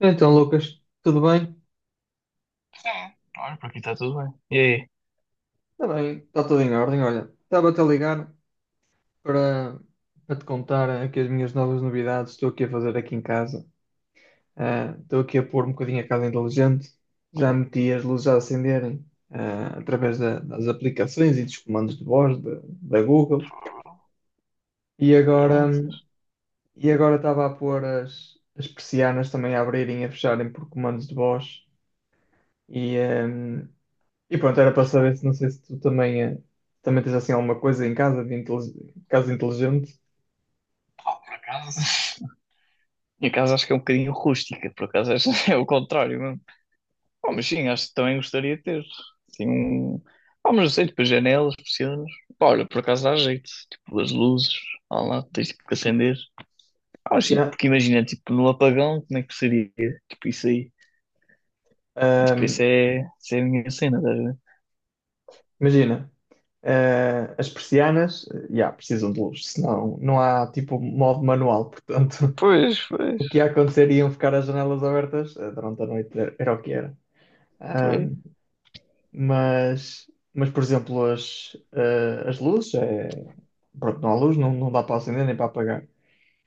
Então, Lucas, tudo bem? Sim. Olha, por aqui está tudo bem. E aí? Está bem, está tudo em ordem. Olha, estava-te a ligar para, para te contar aqui as minhas novas novidades. Estou aqui a fazer aqui em casa. Estou aqui a pôr um bocadinho a casa inteligente. Já meti as luzes a acenderem através das aplicações e dos comandos de voz da Google. E agora, Graças. e agora estava a pôr as persianas também a abrirem e a fecharem por comandos de voz. E, ah, E pronto, era para saber se não sei se tu também, também tens assim alguma coisa em casa de casa inteligente. Pá, por acaso. Minha casa acho que é um bocadinho rústica, por acaso acho é o contrário mesmo. Pá, mas sim, acho que também gostaria de ter. Assim. Pá, mas não sei, tipo, janelas, persianas. Pá, olha, por acaso dá jeito. Tipo, as luzes, lá, tens tipo que acender. Ah, mas sim, Yeah. porque imagina, tipo, no apagão, como é que seria? Tipo, isso aí. Tipo, Ahm, isso é a minha cena, estás a ver? imagina, as persianas, yeah, precisam de luz, senão não há tipo modo manual, portanto, Pois, pois, o que ia acontecer iam ficar as janelas abertas durante a noite, era o que era. pois. Ahm, mas, mas, por exemplo, as luzes, pronto, não há luz, não dá para acender nem para apagar.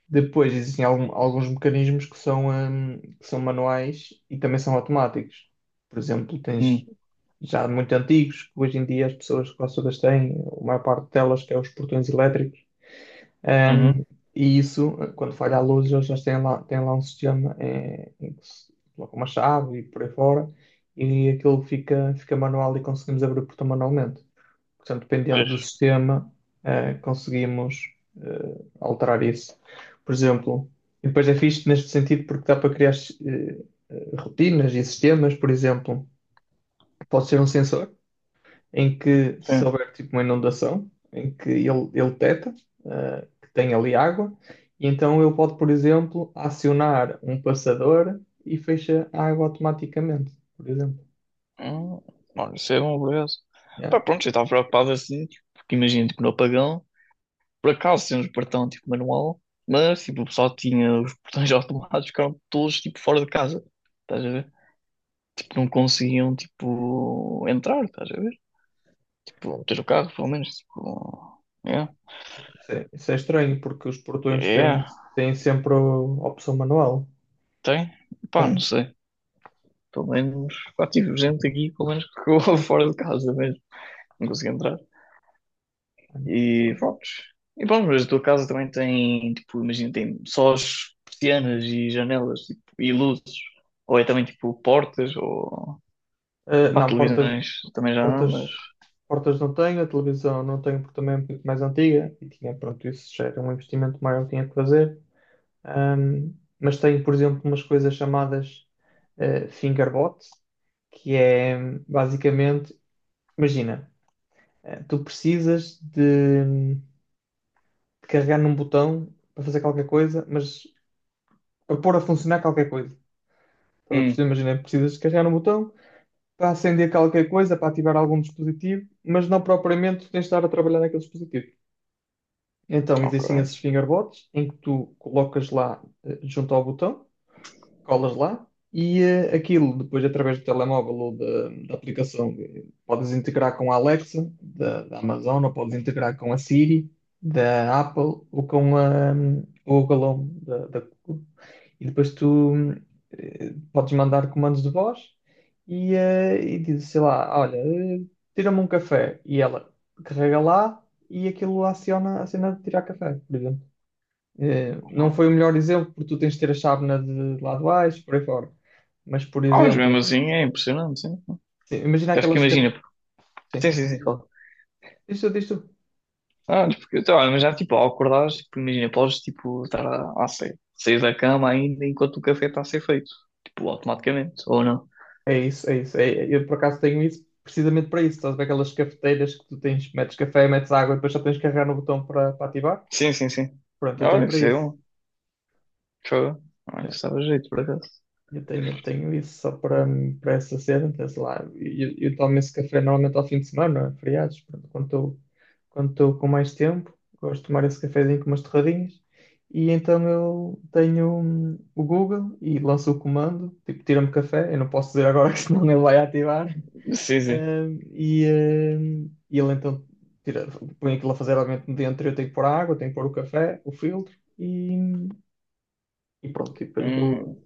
Depois existem alguns mecanismos que são manuais e também são automáticos. Por exemplo, tens Hum, já muito antigos, que hoje em dia as pessoas quase todas têm, a maior parte delas, que é os portões elétricos. uhum, Hum, e isso, quando falha a luz, eles já têm lá um sistema em que se coloca uma chave e por aí fora, e aquilo fica manual e conseguimos abrir o portão manualmente. Portanto, dependendo pois. do sistema, conseguimos alterar isso. Por exemplo, e depois é fixe neste sentido porque dá para criar eh, rotinas e sistemas, por exemplo, pode ser um sensor em que se Sim. houver tipo uma inundação, em que ele detecta que tem ali água, e então ele pode, por exemplo, acionar um passador e fecha a água automaticamente, por exemplo. Hum, olha, isso é bom, por acaso. Yeah. Pá, pronto, eu estava preocupado assim, tipo, porque imagina, tipo, no apagão, por acaso temos portão, tipo, manual, mas, tipo, o pessoal tinha os portões automáticos, ficaram todos, tipo, fora de casa, estás a ver? Tipo, não conseguiam, tipo, entrar, estás a ver? Tipo, ter o carro, pelo menos, tipo, é, Isso é estranho, porque os portões têm, é, têm sempre a opção manual. tem, pá, não Tem, sei, pelo menos, pá, tive gente aqui, pelo menos, que ficou fora de casa mesmo, não conseguia entrar. tem. E pronto. E pronto, mas a tua casa também tem, tipo, imagina, tem só as persianas e janelas, tipo, e luzes. Ou é também, tipo, portas, ou Eh, pá, não, portas, televisões também já não, mas... portas, portas não tenho, a televisão não tenho, porque também é um pouco mais antiga. E tinha, pronto, isso já era um investimento maior que tinha que fazer. Ahm, mas tenho, por exemplo, umas coisas chamadas fingerbot, que é basicamente, imagina, tu precisas de carregar num botão para fazer qualquer coisa, mas para pôr a funcionar qualquer coisa. Estás a Hum, perceber? Imagina, precisas de carregar um botão para acender qualquer coisa, para ativar algum dispositivo, mas não propriamente tens de estar a trabalhar naquele dispositivo. Então, ok. existem esses fingerbots em que tu colocas lá junto ao botão colas lá e aquilo, depois através do telemóvel ou da aplicação, podes integrar com a Alexa da Amazon, ou podes integrar com a Siri da Apple ou com o Google Home da Google. E depois tu podes mandar comandos de voz e dizes, sei lá, olha, tira-me um café e ela carrega lá e aquilo aciona a cena de tirar café, por exemplo. Não foi o melhor exemplo, porque tu tens de ter a chávena de lá de baixo, por aí fora. Mas, por Ah, mas mesmo exemplo, assim é impressionante, sim. sim, imagina Porque acho que aquelas. Imagina, porque... Sim, Sim, sim, sim, claro. Isto. Ah, mas porque, então, olha, mas já, tipo, ao acordares, tipo, imagina, podes, tipo, estar a sair da cama ainda enquanto o café está a ser feito. Tipo, automaticamente, ou não. É isso. Eu, por acaso, tenho isso precisamente para isso. Estás a ver aquelas cafeteiras que tu tens, metes café, metes água e depois só tens que carregar no botão para ativar? Sim, sim, sim. Pronto, eu tenho Olha, para isso é isso. bom. Fogo. Olha, É. isso dava jeito, por acaso. Tenho isso só para essa cena, então, sei lá. Eu tomo esse café normalmente ao fim de semana, feriados, pronto, quando estou com mais tempo, gosto de tomar esse cafezinho com umas torradinhas. E então eu tenho o Google e lanço o comando, tipo, tira-me café, eu não posso dizer agora que senão ele vai ativar. Sim, sim. Hum, e, e ele então tira, põe aquilo a fazer obviamente dentro, eu tenho que pôr a água, tenho que pôr o café, o filtro e pronto, e depois Hum, aquilo.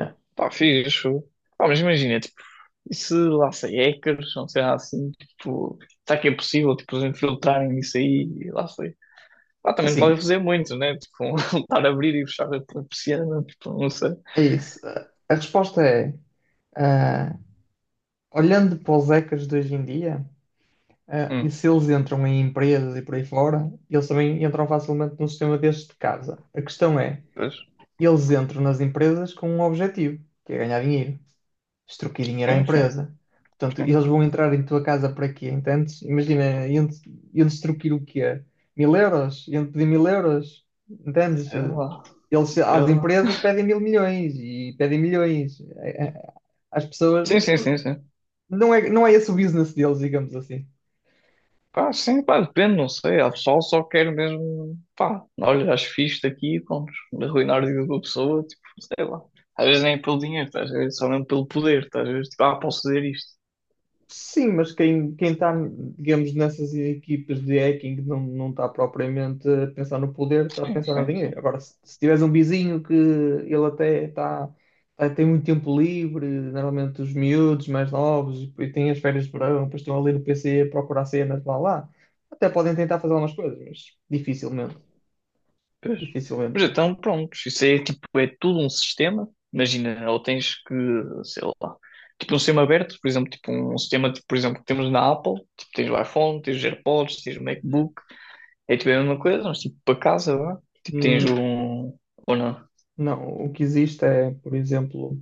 É. pá, fixe. Pá, mas imagina, tipo, e se lá sei hackers, não sei lá assim, tipo, será que é possível, tipo, eles infiltrarem isso aí, e lá sei. Pá, também não podem Assim, fazer muito, né? Tipo, estar a abrir e fechar a persiana, tipo, não sei. é isso. A resposta é, ah, olhando para os hackers de hoje em dia, e Hum, se eles entram em empresas e por aí fora, eles também entram facilmente num sistema destes de casa. A questão é, pois, eles entram nas empresas com um objetivo, que é ganhar dinheiro, extorquir dinheiro à sim, sim, empresa. Portanto, sim. eles vão entrar em tua casa para quê? Entendes? Imagina, iam extorquir o quê? Mil euros? Iam pedir mil euros? Entendes? Sei lá, Eles, sei às lá. empresas pedem mil milhões e pedem milhões. É, às pessoas. Sim, sim, sim, sim. Não é esse o business deles, digamos assim. Pá, sim, pá, depende, não sei. Há pessoal que só quer mesmo, pá, olha, acho fixe isto aqui e pronto, arruinar a vida da pessoa, tipo, sei lá. Às vezes nem é pelo dinheiro, tá? Às vezes só mesmo pelo poder, tá? Às vezes, tipo, ah, posso fazer isto. Sim, mas quem está, digamos, nessas equipas de hacking não está propriamente a pensar no poder, está a Sim, pensar no sim, dinheiro. sim. Agora, se tiveres um vizinho que ele até está, tem muito tempo livre, normalmente os miúdos mais novos, e depois têm as férias de verão, depois estão ali no PC a procurar cenas lá, até podem tentar fazer algumas coisas, mas dificilmente, Pois. dificilmente, Mas porque então, pronto, isso é tipo, é tudo um sistema. Imagina, ou tens que, sei lá, tipo um sistema aberto, por exemplo, tipo um sistema, tipo, por exemplo, que temos na Apple, tipo, tens o iPhone, tens os AirPods, tens o MacBook, é tipo a mesma coisa, mas tipo para casa, vá. Tipo, tens hum, um. Ou não? não, o que existe é, por exemplo,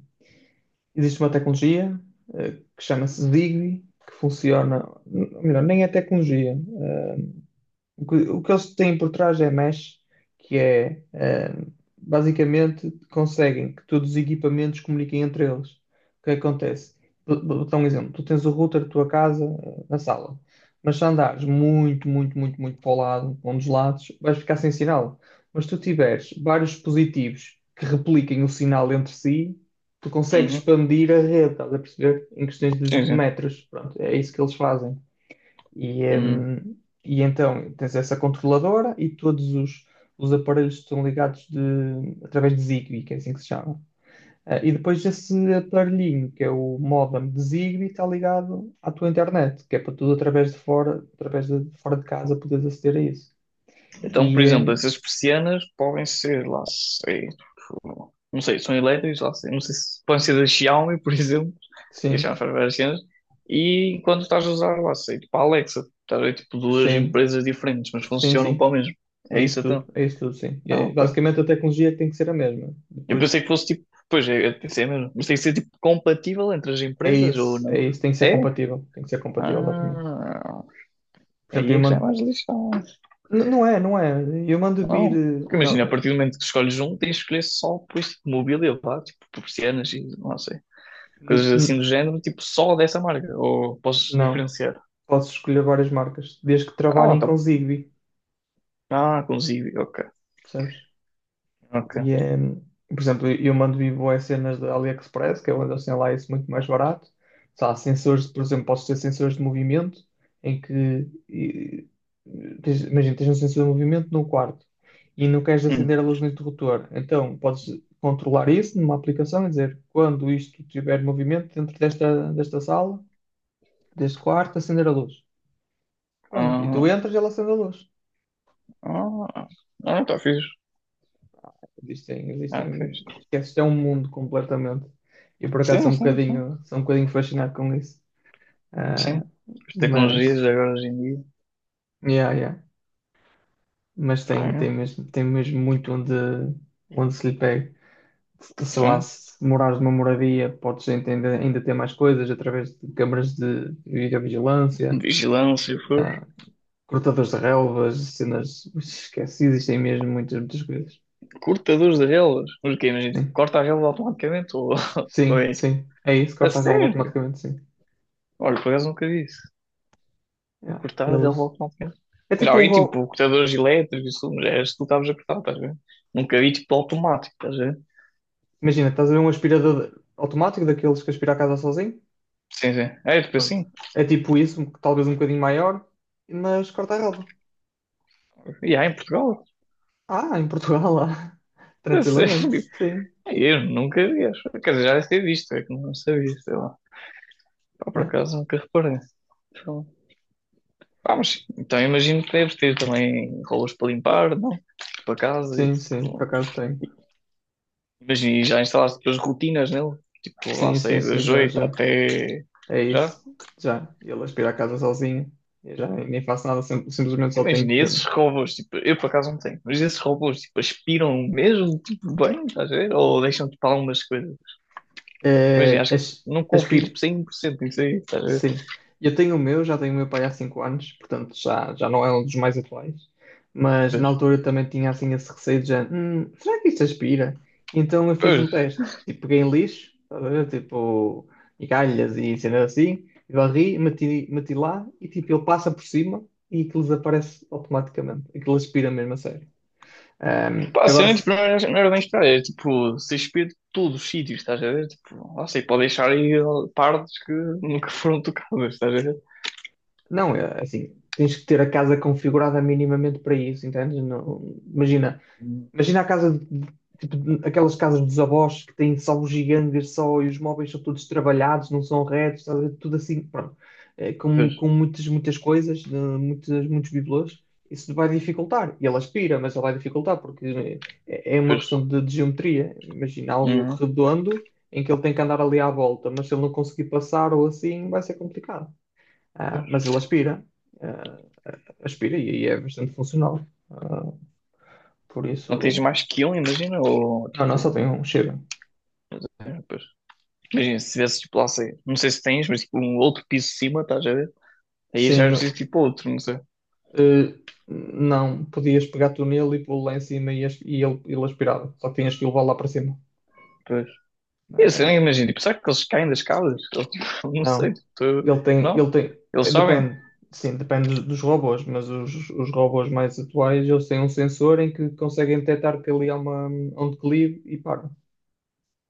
existe uma tecnologia eh, que chama-se Zigbee, que funciona, ou melhor, nem é tecnologia, eh, o que eles têm por trás é mesh, que é, eh, basicamente conseguem que todos os equipamentos comuniquem entre eles. O que é que acontece? Vou dar um exemplo. Tu tens o router da tua casa na sala, mas se andares muito para o lado, para um dos lados, vais ficar sem sinal. Mas se tu tiveres vários dispositivos que repliquem o sinal entre si, tu consegues Uhum. expandir a rede, estás a perceber? Em questões Sim, de sim. metros. Pronto, é isso que eles fazem. E, Hum. hum, e então tens essa controladora e todos os aparelhos estão ligados através de Zigbee, que é assim que se chama. E depois esse aparelhinho, que é o modem de Zigbee, está ligado à tua internet, que é para tudo através de fora de casa poderes aceder a isso. Então, por E exemplo, hum, essas persianas podem ser, lá sei, não sei, são elétricas, lá sei, não sei se podem ser da Xiaomi, por exemplo, e sim, já faz várias cenas, e quando estás a usar, lá sei, tipo a Alexa, estás a ver, tipo duas sim, empresas diferentes, mas sim, funcionam para o sim. mesmo. É isso então. É isso tudo, sim. E Ah, é ok. basicamente a tecnologia tem que ser a mesma. Eu pensei Depois que fosse tipo, pois é, eu pensei mesmo, mas tem que ser tipo compatível entre as empresas ou é não? isso, É? Tem que ser compatível, exatamente. Ah, Por exemplo, aí eu, é que já é man- mais lixado. N- Não é, não é. Eu mando vir. Não. Eh, Porque imagina, Não, a eh, partir do momento que escolhes um, tens de escolher só por este mobília, pá, tipo persianas e não sei, n- coisas assim n- do género, tipo só dessa marca, ou posso não. diferenciar. Posso escolher várias marcas, desde que Ah, trabalhem tá. com Zigbee, Ah, consigo, ok, percebes? ok. E é. Por exemplo, eu mando vir boas cenas da AliExpress, que é onde eles têm lá isso muito mais barato. Sei lá, sensores, por exemplo, posso ter sensores de movimento, em que. e- Imagina, tens um sensor de movimento num quarto e não queres acender Hum. a luz no interruptor. Então, podes controlar isso numa aplicação e dizer quando isto tiver movimento dentro desta sala. Desde quarto, acender a luz. Pronto. E tu Ah, entras e ela acende a luz. ah, ah, tá fixe. Existem, Ah, existem. fixe. Esquece, isto é um mundo completamente. E por acaso Sim, sim, sim. Sou um bocadinho fascinado com isso. Ah, Sim. As tecnologias mas, de agora hoje em dia. yeah, yeah. Mas Pá, tem, é. Tem mesmo muito onde se lhe pega. Sei lá, Sim. se morares numa moradia, podes ainda, ainda ter mais coisas através de câmaras de videovigilância, Vigilância, for. cortadores de relvas, cenas. Esquece, existem mesmo muitas, muitas coisas. Cortadores de relas. Mas o quê? Imagina, tipo, Sim. corta a rela automaticamente ou, ou Sim, é tipo, sim. É isso, a corta a relva sério? automaticamente, sim. Olha, por acaso nunca vi isso. Yeah. Cortar relevou Eles... automaticamente. É Mas tipo um alguém rolo. tipo cortadores elétricos, isso, mas é isso que tu estavas a cortar, estás a ver? Nunca vi tipo automático, estás a ver? Imagina, estás a ver um aspirador automático daqueles que aspira a casa sozinho? Sim, sim. É tipo Pronto. assim. É tipo isso, um, talvez um bocadinho maior, mas corta a relva. E há em Portugal? Ah, em Portugal, lá. É Tranquilamente. sério? Sim. É, eu nunca vi, acho. Quer dizer, já deve ter visto, é que não sabia, sei lá. Pá, por Yeah. acaso nunca reparei. Então, pá, mas sim. Então imagino que deves ter também rolos para limpar, não? Para casa e Sim, sim, por tipo. acaso tem. Imagina, e já instalaste depois rotinas nele? Tipo, lá Sim, sim, sei, sim, das já, 8 já. até. É Já? isso. Já. Ele aspira a casa sozinho. Eu já nem faço nada, simplesmente só tenho Imagina, que. esses robôs, tipo, eu por acaso não tenho, mas esses robôs, tipo, aspiram mesmo, tipo, bem, estás a ver? Ou deixam, tipo, algumas coisas. Imagina, eh, acho que as- não confio, aspiro. tipo, 100% nisso aí, estás a ver? Sim. Eu tenho o meu, já tenho o meu pai há 5 anos, portanto já, já não é um dos mais atuais. Mas na Pois, altura eu também tinha assim esse receio de já, será que isto aspira? Então eu fiz um pois, teste, tipo, peguei em lixo, estás a ver? Tipo, e galhas e cenas assim, e varri, meti lá e tipo, ele passa por cima e aquilo desaparece automaticamente. Aquilo aspira mesmo a sério. Pá, Agora, assim, tipo, se- não era bem esperar, era, tipo, se aspira de todos os sítios, estás a ver? Tipo, não sei, pode deixar aí ó, partes que nunca foram tocadas, estás a ver? não, é assim, tens que ter a casa configurada minimamente para isso, entendes? Não, imagina. Imagina a casa, aquelas casas dos avós que têm só os gigantes só, e os móveis são todos trabalhados, não são retos, estás a ver? Tudo assim, pronto. Pois, Com muitas, muitas coisas, de muitas, muitos bibelôs. Isso vai dificultar. E ele aspira, mas ele vai dificultar, porque é uma pois, questão de geometria. Imagina algo uhum, redondo em que ele tem que andar ali à volta, mas se ele não conseguir passar ou assim, vai ser complicado. Ah, pois. mas ele aspira, ah, aspira e aí é bastante funcional. Por Então tens isso, mais que um, imagina, ou, não, só tipo... tem um, chega. É, pois. Imagina, se tivesse tipo lá, sei, não sei se tens, mas tipo um outro piso de cima, estás a ver? Aí já Sim, é não, preciso tipo outro, não sei. eh, não, podias pegar tu nele e pô-lo lá em cima e ele aspirava. Só que tinhas que levá-lo lá para cima. Pois. Eu sei, nem Eh, imagino. Tipo, será que eles caem das casas? Eles, tipo, não sei. não, Não? ele tem, Eles sabem? depende, sim, depende dos robôs, mas os robôs mais atuais, eles têm um sensor em que conseguem detectar que ali há uma, um declive e param.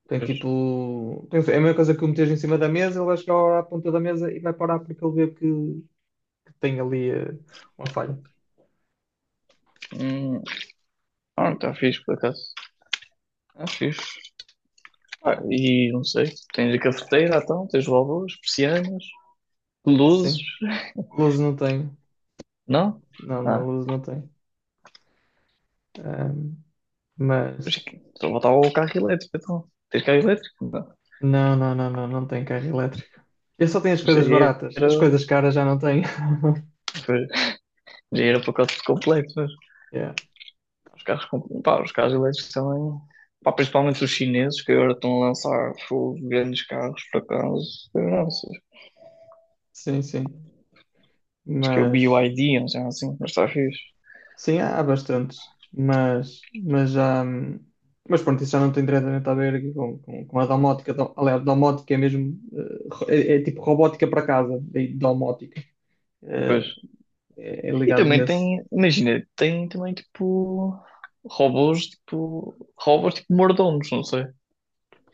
Pois. É a mesma coisa que o meteres em cima da mesa, ele vai chegar à ponta da mesa e vai parar porque ele vê que tem ali uma falha. Hum. Ah, está fixe, por acaso. Está fixe. Ah, Yeah. e não sei. Tens a cafeteira, então. Tens válvulas persianas, luzes. Sim, luz não tem. Não? Não, não, Ah. luz não tem. Ahm, mas Só faltava o carro elétrico, então. Tens carro elétrico? Não. não, não, não, não, não tem carro elétrico. Eu só tenho as Já coisas era... baratas, as coisas caras já não tenho. Pois, já era o pacote completo, mas... Yeah. Os carros, pá, os carros elétricos também, pá, principalmente os chineses que agora estão a lançar fogo, grandes carros para acaso, eu Sim, sim. acho que é o Mas BYD, não sei assim, mas está fixe. sim, há, há bastantes. Mas já. Mas pronto, isso já não tem diretamente a ver com a domótica. Aliás, domótica é mesmo. É, é tipo robótica para casa, daí domótica. Pois. Eh, é, é E ligado também nesse. tem, imagina, tem também tipo robôs, tipo robôs tipo mordomos, não sei,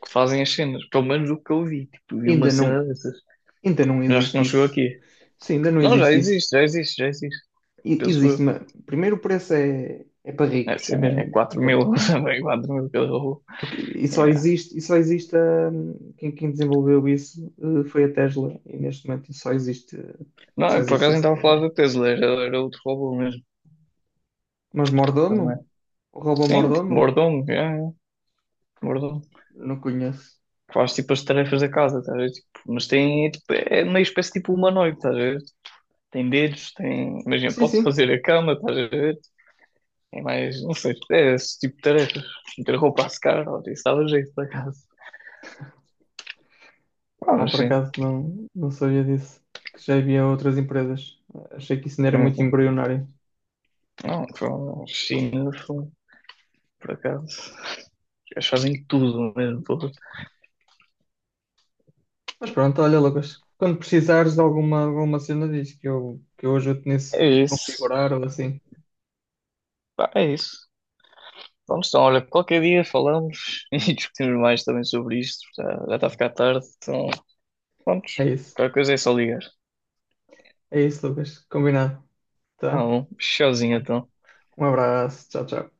que fazem as cenas, pelo menos o que eu vi, tipo, vi uma Ainda cena não, dessas. ainda não Já acho que existe não chegou isso. aqui. Sim, ainda não Não, já existe isso. existe, já existe, já existe, penso Existe eu. uma. Primeiro, é para É ricos, é assim, mesmo. é quatro Pronto. mil, também 4000 cada robô. Porque, É, e só existe quem desenvolveu isso foi a Tesla, e neste momento não, só eu por existe acaso nem essa estava a Tesla. falar da Tesla, era outro robô mesmo. Mas Mordomo? Não é? O robô Sim, tipo, Mordomo? mordomo, é, mordomo. Não conheço. Faz tipo as tarefas da casa, estás a ver? Tipo, mas tem, é, tipo, é meio espécie tipo humanoide, estás a ver? Tem dedos, tem. Imagina, Sim, pode sim. fazer a cama, estás a ver? É mais, não sei, é esse tipo de tarefas. Meter roupa a secar, ó, isso dava jeito por acaso. Ah, Ah, mas por sim. acaso não sabia disso. Que já havia outras empresas. Achei que isso não era É, muito embrionário. não, foi China, foi, por acaso. Eles fazem tudo mesmo, pô. Mas pronto, olha, Lucas. Quando precisares de alguma cena, diz que que eu ajudo nisso, É a isso. configurar ou assim. Pá, é isso. Pronto, então, olha, qualquer dia falamos e discutimos mais também sobre isto. Já, já está a ficar tarde, então, pronto, É isso. qualquer coisa é só ligar. É isso, Lucas. Combinado. Ah, Tá? bom, tchauzinho, então. Um abraço. Tchau, tchau.